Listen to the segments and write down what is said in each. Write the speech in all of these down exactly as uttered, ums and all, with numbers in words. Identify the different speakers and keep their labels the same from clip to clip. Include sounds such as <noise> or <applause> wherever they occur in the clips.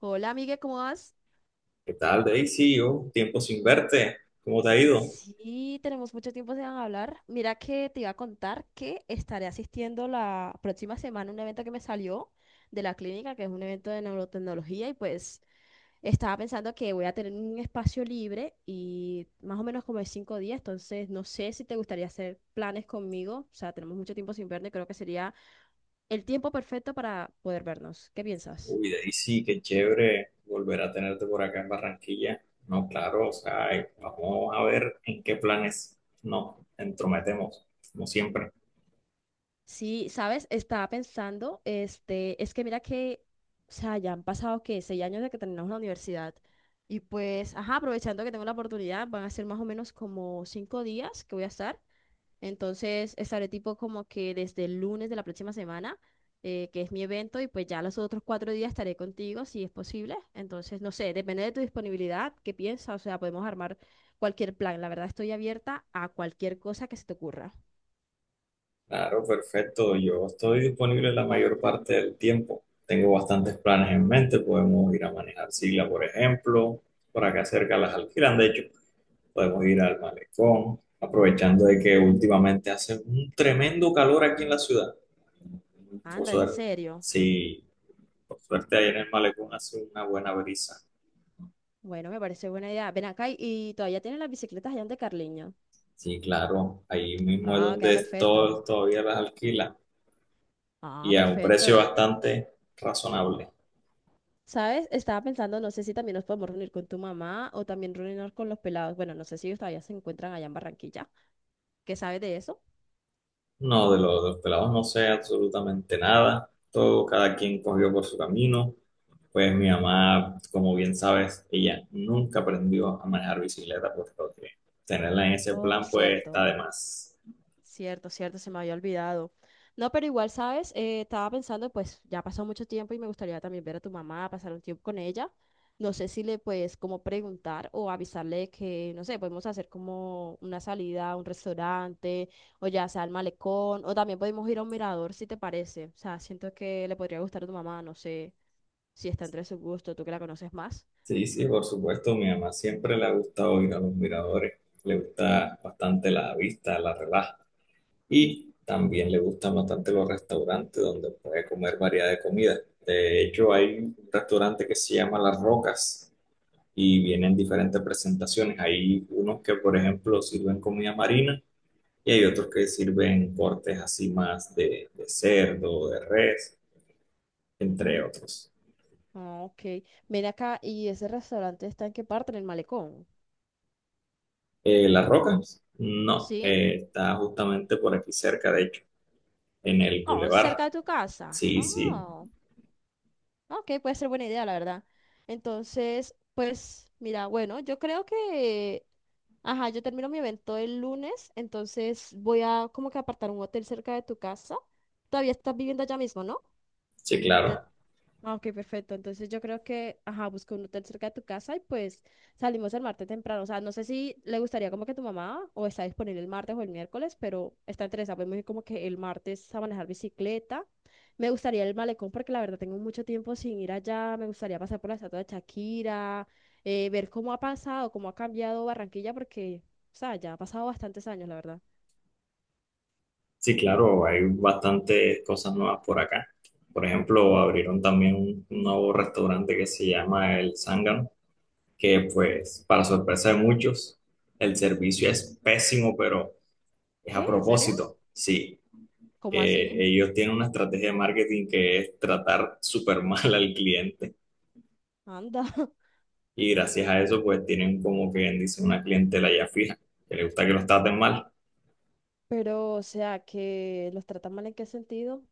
Speaker 1: Hola, amiga, ¿cómo vas?
Speaker 2: ¿Qué tal, Daisy? Oh, tiempo sin verte. ¿Cómo te ha ido?
Speaker 1: Sí, tenemos mucho tiempo sin hablar. Mira que te iba a contar que estaré asistiendo la próxima semana a un evento que me salió de la clínica, que es un evento de neurotecnología, y pues estaba pensando que voy a tener un espacio libre y más o menos como de cinco días. Entonces no sé si te gustaría hacer planes conmigo. O sea, tenemos mucho tiempo sin vernos y creo que sería el tiempo perfecto para poder vernos. ¿Qué piensas?
Speaker 2: Uy, Daisy, qué chévere volver a tenerte por acá en Barranquilla. No, claro, o sea, eh, vamos a ver en qué planes nos entrometemos, como siempre.
Speaker 1: Sí, sabes, estaba pensando, este, es que mira que, o sea, ya han pasado que seis años de que terminamos la universidad y pues, ajá, aprovechando que tengo la oportunidad, van a ser más o menos como cinco días que voy a estar. Entonces, estaré tipo como que desde el lunes de la próxima semana, eh, que es mi evento, y pues ya los otros cuatro días estaré contigo si es posible. Entonces, no sé, depende de tu disponibilidad, qué piensas. O sea, podemos armar cualquier plan. La verdad, estoy abierta a cualquier cosa que se te ocurra.
Speaker 2: Claro, perfecto. Yo estoy disponible la mayor parte del tiempo. Tengo bastantes planes en mente. Podemos ir a manejar Sigla, por ejemplo. Por acá cerca las alquilan, de hecho. Podemos ir al malecón, aprovechando de que últimamente hace un tremendo calor aquí en la ciudad. Por
Speaker 1: Anda, ¿en
Speaker 2: suerte,
Speaker 1: serio?
Speaker 2: sí, por suerte ahí en el malecón hace una buena brisa.
Speaker 1: Bueno, me parece buena idea. Ven acá y, y todavía tienen las bicicletas allá de Carliño.
Speaker 2: Sí, claro, ahí mismo es
Speaker 1: Ah, queda
Speaker 2: donde
Speaker 1: perfecto.
Speaker 2: todos todavía las alquila
Speaker 1: Ah,
Speaker 2: y a un precio
Speaker 1: perfecto.
Speaker 2: bastante razonable.
Speaker 1: ¿Sabes? Estaba pensando, no sé si también nos podemos reunir con tu mamá o también reunirnos con los pelados. Bueno, no sé si ellos todavía se encuentran allá en Barranquilla. ¿Qué sabes de eso?
Speaker 2: No, de los, de los pelados no sé absolutamente nada, todo cada quien cogió por su camino. Pues mi mamá, como bien sabes, ella nunca aprendió a manejar bicicleta, por lo que tenerla en ese
Speaker 1: Oh,
Speaker 2: plan pues está
Speaker 1: cierto.
Speaker 2: de más.
Speaker 1: Cierto, cierto, se me había olvidado. No, pero igual, ¿sabes? Eh, estaba pensando, pues ya ha pasado mucho tiempo y me gustaría también ver a tu mamá, pasar un tiempo con ella. No sé si le puedes como preguntar o avisarle que, no sé, podemos hacer como una salida a un restaurante o ya sea al malecón, o también podemos ir a un mirador si te parece. O sea, siento que le podría gustar a tu mamá, no sé si está entre su gusto, tú que la conoces más.
Speaker 2: Sí, sí, por supuesto, mi mamá siempre le ha gustado ir a los miradores, le gusta bastante la vista, la relaja y también le gustan bastante los restaurantes donde puede comer variedad de comida. De hecho, hay un restaurante que se llama Las Rocas y vienen diferentes presentaciones. Hay unos que, por ejemplo, sirven comida marina y hay otros que sirven cortes así más de, de cerdo, de res, entre otros.
Speaker 1: Ah, ok. Ven acá, ¿y ese restaurante está en qué parte? ¿En el malecón?
Speaker 2: Eh, Las Rocas, no,
Speaker 1: ¿Sí?
Speaker 2: eh, está justamente por aquí cerca, de hecho, en el
Speaker 1: Oh,
Speaker 2: Boulevard.
Speaker 1: cerca de tu casa.
Speaker 2: Sí, sí,
Speaker 1: Oh, ok, puede ser buena idea, la verdad. Entonces, pues, mira, bueno, yo creo que, ajá, yo termino mi evento el lunes, entonces voy a como que apartar un hotel cerca de tu casa. Todavía estás viviendo allá mismo, ¿no?
Speaker 2: sí,
Speaker 1: Donde
Speaker 2: claro.
Speaker 1: Ah, ok, perfecto. Entonces yo creo que, ajá, busca un hotel cerca de tu casa y pues salimos el martes temprano. O sea, no sé si le gustaría como que tu mamá, o está disponible el martes o el miércoles, pero está interesada. Podemos ir como que el martes a manejar bicicleta. Me gustaría el malecón porque la verdad tengo mucho tiempo sin ir allá. Me gustaría pasar por la estatua de Shakira, eh, ver cómo ha pasado, cómo ha cambiado Barranquilla porque, o sea, ya ha pasado bastantes años, la verdad.
Speaker 2: Sí, claro, hay bastantes cosas nuevas por acá. Por ejemplo, abrieron también un, un nuevo restaurante que se llama El Zángano, que pues, para sorpresa de muchos, el servicio es pésimo, pero es a
Speaker 1: ¿Qué? ¿En serio?
Speaker 2: propósito. Sí,
Speaker 1: ¿Cómo
Speaker 2: eh,
Speaker 1: así?
Speaker 2: ellos tienen una estrategia de marketing que es tratar súper <laughs> mal al cliente.
Speaker 1: Anda. <laughs>
Speaker 2: Y gracias a eso, pues tienen como que bien dice una clientela ya fija, que le gusta que los traten mal.
Speaker 1: Pero, o sea, ¿que los tratan mal en qué sentido?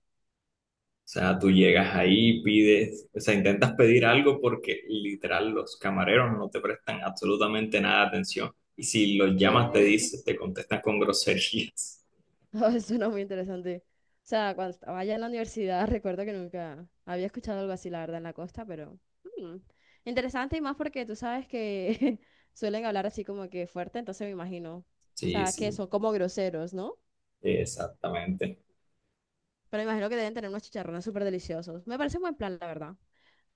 Speaker 2: O sea, tú llegas ahí, pides, o sea, intentas pedir algo porque literal los camareros no te prestan absolutamente nada de atención. Y si los llamas, te
Speaker 1: ¿Qué?
Speaker 2: dicen,
Speaker 1: <laughs>
Speaker 2: te contestan con groserías.
Speaker 1: Ah, suena muy interesante. O sea, cuando estaba allá en la universidad, <laughs> recuerdo que nunca había escuchado algo así, la verdad, en la costa, pero mm, interesante. Y más porque tú sabes que <laughs> suelen hablar así como que fuerte, entonces me imagino. O
Speaker 2: Sí,
Speaker 1: sea, que
Speaker 2: sí,
Speaker 1: son como groseros, ¿no?
Speaker 2: exactamente.
Speaker 1: Pero me imagino que deben tener unos chicharrones súper deliciosos. Me parece un buen plan, la verdad.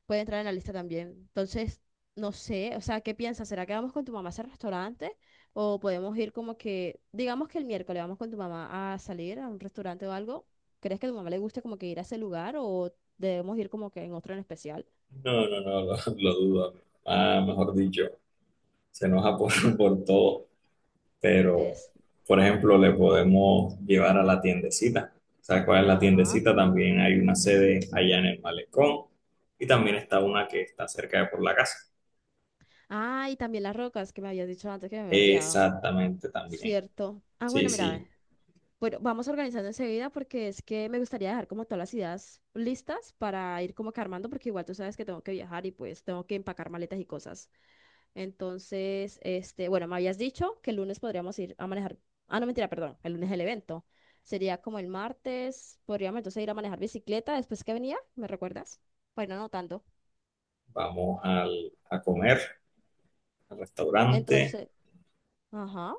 Speaker 1: Puede entrar en la lista también. Entonces, no sé, o sea, ¿qué piensas? ¿Será que vamos con tu mamá a ese restaurante? ¿O podemos ir como que, digamos que el miércoles, vamos con tu mamá a salir a un restaurante o algo? ¿Crees que a tu mamá le guste como que ir a ese lugar, o debemos ir como que en otro en especial?
Speaker 2: No, no, no, lo, lo dudo. Ah, mejor dicho, se enoja por, por todo. Pero,
Speaker 1: ¿Ves?
Speaker 2: por ejemplo, le podemos llevar a la tiendecita. ¿Sabes cuál es la
Speaker 1: Ajá.
Speaker 2: tiendecita? También hay una sede allá en el malecón y también está una que está cerca de por la casa.
Speaker 1: Ah, y también Las Rocas, que me habías dicho antes, que me había olvidado.
Speaker 2: Exactamente también.
Speaker 1: Cierto. Ah,
Speaker 2: Sí,
Speaker 1: bueno, mira,
Speaker 2: sí,
Speaker 1: ve. Bueno, vamos organizando enseguida, porque es que me gustaría dejar como todas las ideas listas para ir como que armando, porque igual tú sabes que tengo que viajar y pues tengo que empacar maletas y cosas. Entonces, este, bueno, me habías dicho que el lunes podríamos ir a manejar. Ah, no, mentira, perdón, el lunes es el evento. Sería como el martes, podríamos entonces ir a manejar bicicleta después que venía, ¿me recuerdas? Bueno, ir anotando.
Speaker 2: vamos al- a comer al restaurante
Speaker 1: Entonces, ajá.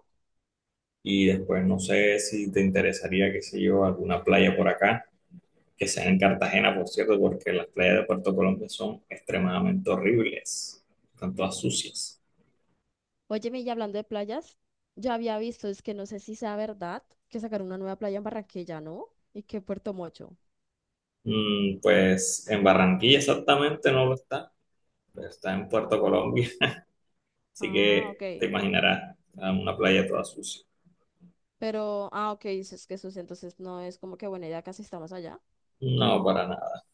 Speaker 2: y después no sé si te interesaría, qué sé yo, alguna playa por acá, que sea en Cartagena, por cierto, porque las playas de Puerto Colombia son extremadamente horribles, están todas sucias.
Speaker 1: Óyeme, y hablando de playas, ya había visto, es que no sé si sea verdad, que sacaron una nueva playa en Barranquilla, ¿no? Y que Puerto Mocho.
Speaker 2: Mm, pues en Barranquilla exactamente no lo está, pero está en Puerto Colombia, <laughs> así
Speaker 1: Ah, ok.
Speaker 2: que te imaginarás, ah, una playa toda sucia.
Speaker 1: Pero, ah, ok, dices que sus, entonces no es como que, bueno, ya casi estamos allá.
Speaker 2: No, para nada.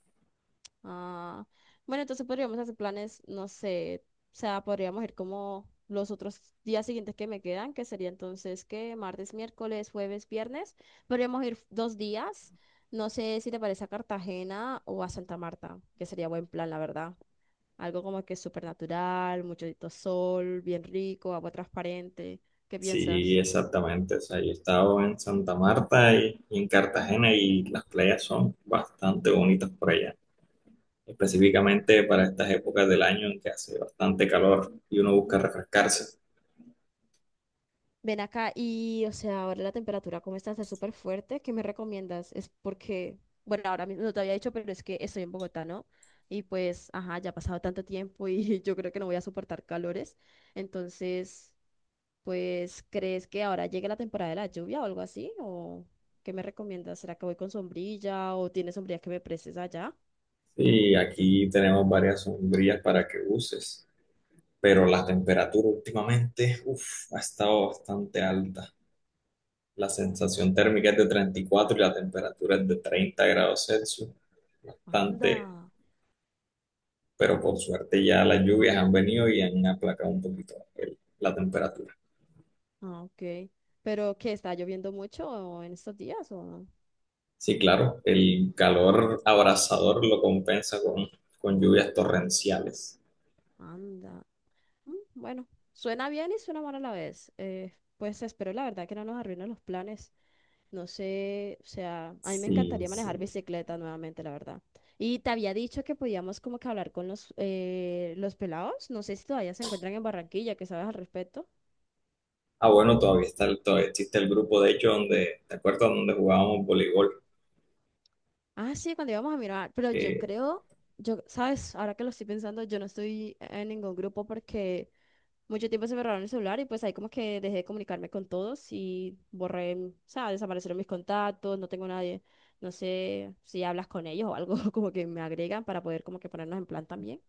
Speaker 1: Ah, bueno, entonces podríamos hacer planes, no sé, o sea, podríamos ir como los otros días siguientes que me quedan, que sería entonces que martes, miércoles, jueves, viernes. Podríamos ir dos días. No sé si te parece a Cartagena o a Santa Marta, que sería buen plan, la verdad. Algo como que súper natural, mucho sol, bien rico, agua transparente. ¿Qué
Speaker 2: Sí,
Speaker 1: piensas?
Speaker 2: exactamente. O sea, yo he estado en Santa Marta y, y en Cartagena y las playas son bastante bonitas por allá. Específicamente para estas épocas del año en que hace bastante calor y uno busca refrescarse.
Speaker 1: Ven acá y, o sea, ahora la temperatura, ¿cómo está? Está súper fuerte. ¿Qué me recomiendas? Es porque, bueno, ahora mismo no te había dicho, pero es que estoy en Bogotá, ¿no? Y pues, ajá, ya ha pasado tanto tiempo y <laughs> yo creo que no voy a soportar calores. Entonces, pues, ¿crees que ahora llegue la temporada de la lluvia o algo así? ¿O qué me recomiendas? ¿Será que voy con sombrilla, o tienes sombrilla que me prestes allá?
Speaker 2: Y aquí tenemos varias sombrillas para que uses. Pero la temperatura últimamente, uf, ha estado bastante alta. La sensación térmica es de treinta y cuatro y cuatro y la temperatura es de treinta grados Celsius, bastante,
Speaker 1: Anda.
Speaker 2: pero por suerte ya las lluvias han venido y han aplacado un poquito el- la temperatura.
Speaker 1: Ah, ok. ¿Pero qué? ¿Está lloviendo mucho en estos días o no?
Speaker 2: Sí, claro, el calor abrasador lo compensa con, con lluvias torrenciales.
Speaker 1: Anda. Mm, bueno, suena bien y suena mal a la vez. Eh, pues espero la verdad que no nos arruinen los planes. No sé, o sea, a mí me
Speaker 2: Sí,
Speaker 1: encantaría manejar
Speaker 2: sí.
Speaker 1: bicicleta nuevamente, la verdad. Y te había dicho que podíamos como que hablar con los, eh, los pelados. No sé si todavía se encuentran en Barranquilla, ¿qué sabes al respecto?
Speaker 2: Ah, bueno, todavía está, el- todavía existe el grupo, de hecho, donde, ¿te acuerdas? Donde jugábamos voleibol.
Speaker 1: Ah, sí, cuando íbamos a mirar, pero yo
Speaker 2: Eh,
Speaker 1: creo, yo, ¿sabes? Ahora que lo estoy pensando, yo no estoy en ningún grupo porque mucho tiempo se me robaron el celular y pues ahí como que dejé de comunicarme con todos y borré, o sea, desaparecieron mis contactos, no tengo nadie. No sé si hablas con ellos o algo <laughs> como que me agregan para poder como que ponernos en plan también.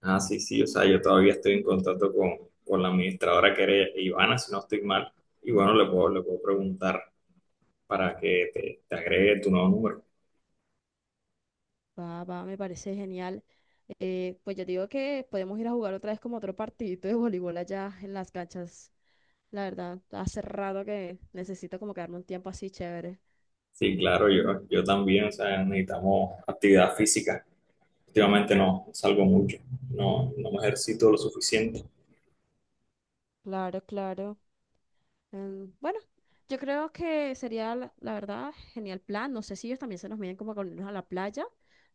Speaker 2: Ah, sí, sí, o sea, yo todavía estoy en contacto con, con la administradora que era Ivana, si no estoy mal. Y bueno, le puedo, le puedo preguntar para que te, te agregue tu nuevo número.
Speaker 1: Va, va, me parece genial. Eh, pues yo digo que podemos ir a jugar otra vez como otro partidito de voleibol allá en las canchas. La verdad, hace rato que necesito como quedarme un tiempo así chévere.
Speaker 2: Sí, claro, yo, yo también, o sea, necesitamos actividad física. Últimamente no no salgo mucho, no, no me ejercito lo suficiente.
Speaker 1: Claro, claro. Em, bueno, yo creo que sería, la, la verdad, genial plan. No sé si ellos también se nos miden como con irnos a la playa,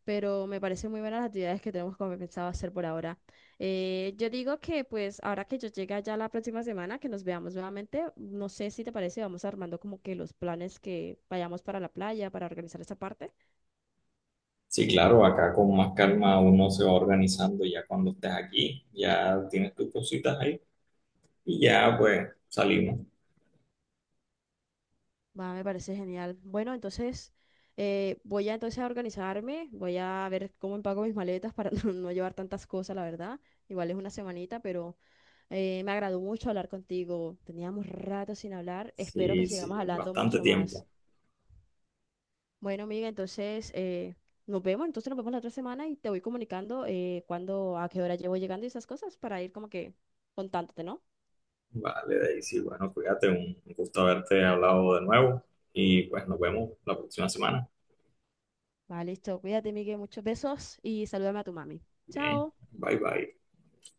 Speaker 1: pero me parecen muy buenas las actividades que tenemos como pensado hacer por ahora. Eh, yo digo que pues ahora que yo llegue ya la próxima semana, que nos veamos nuevamente, no sé si te parece, vamos armando como que los planes que vayamos para la playa, para organizar esa parte.
Speaker 2: Sí, claro, acá con más calma uno se va organizando ya cuando estés aquí, ya tienes tus cositas ahí y ya pues salimos.
Speaker 1: Va, me parece genial. Bueno, entonces eh, voy a entonces a organizarme, voy a ver cómo empaco mis maletas para <laughs> no no llevar tantas cosas, la verdad. Igual es una semanita, pero Eh, me agradó mucho hablar contigo. Teníamos rato sin hablar. Espero que
Speaker 2: Sí, sí,
Speaker 1: sigamos hablando
Speaker 2: bastante
Speaker 1: mucho más.
Speaker 2: tiempo.
Speaker 1: Bueno, amiga, entonces eh, nos vemos. Entonces nos vemos la otra semana y te voy comunicando eh, cuándo, a qué hora llevo llegando y esas cosas para ir como que contándote, ¿no?
Speaker 2: Vale, Daisy, bueno, cuídate, un un gusto haberte hablado de nuevo y pues nos vemos la próxima semana.
Speaker 1: Vale, listo. Cuídate, Miguel. Muchos besos y salúdame a tu mami.
Speaker 2: Bien,
Speaker 1: Chao.
Speaker 2: bye bye.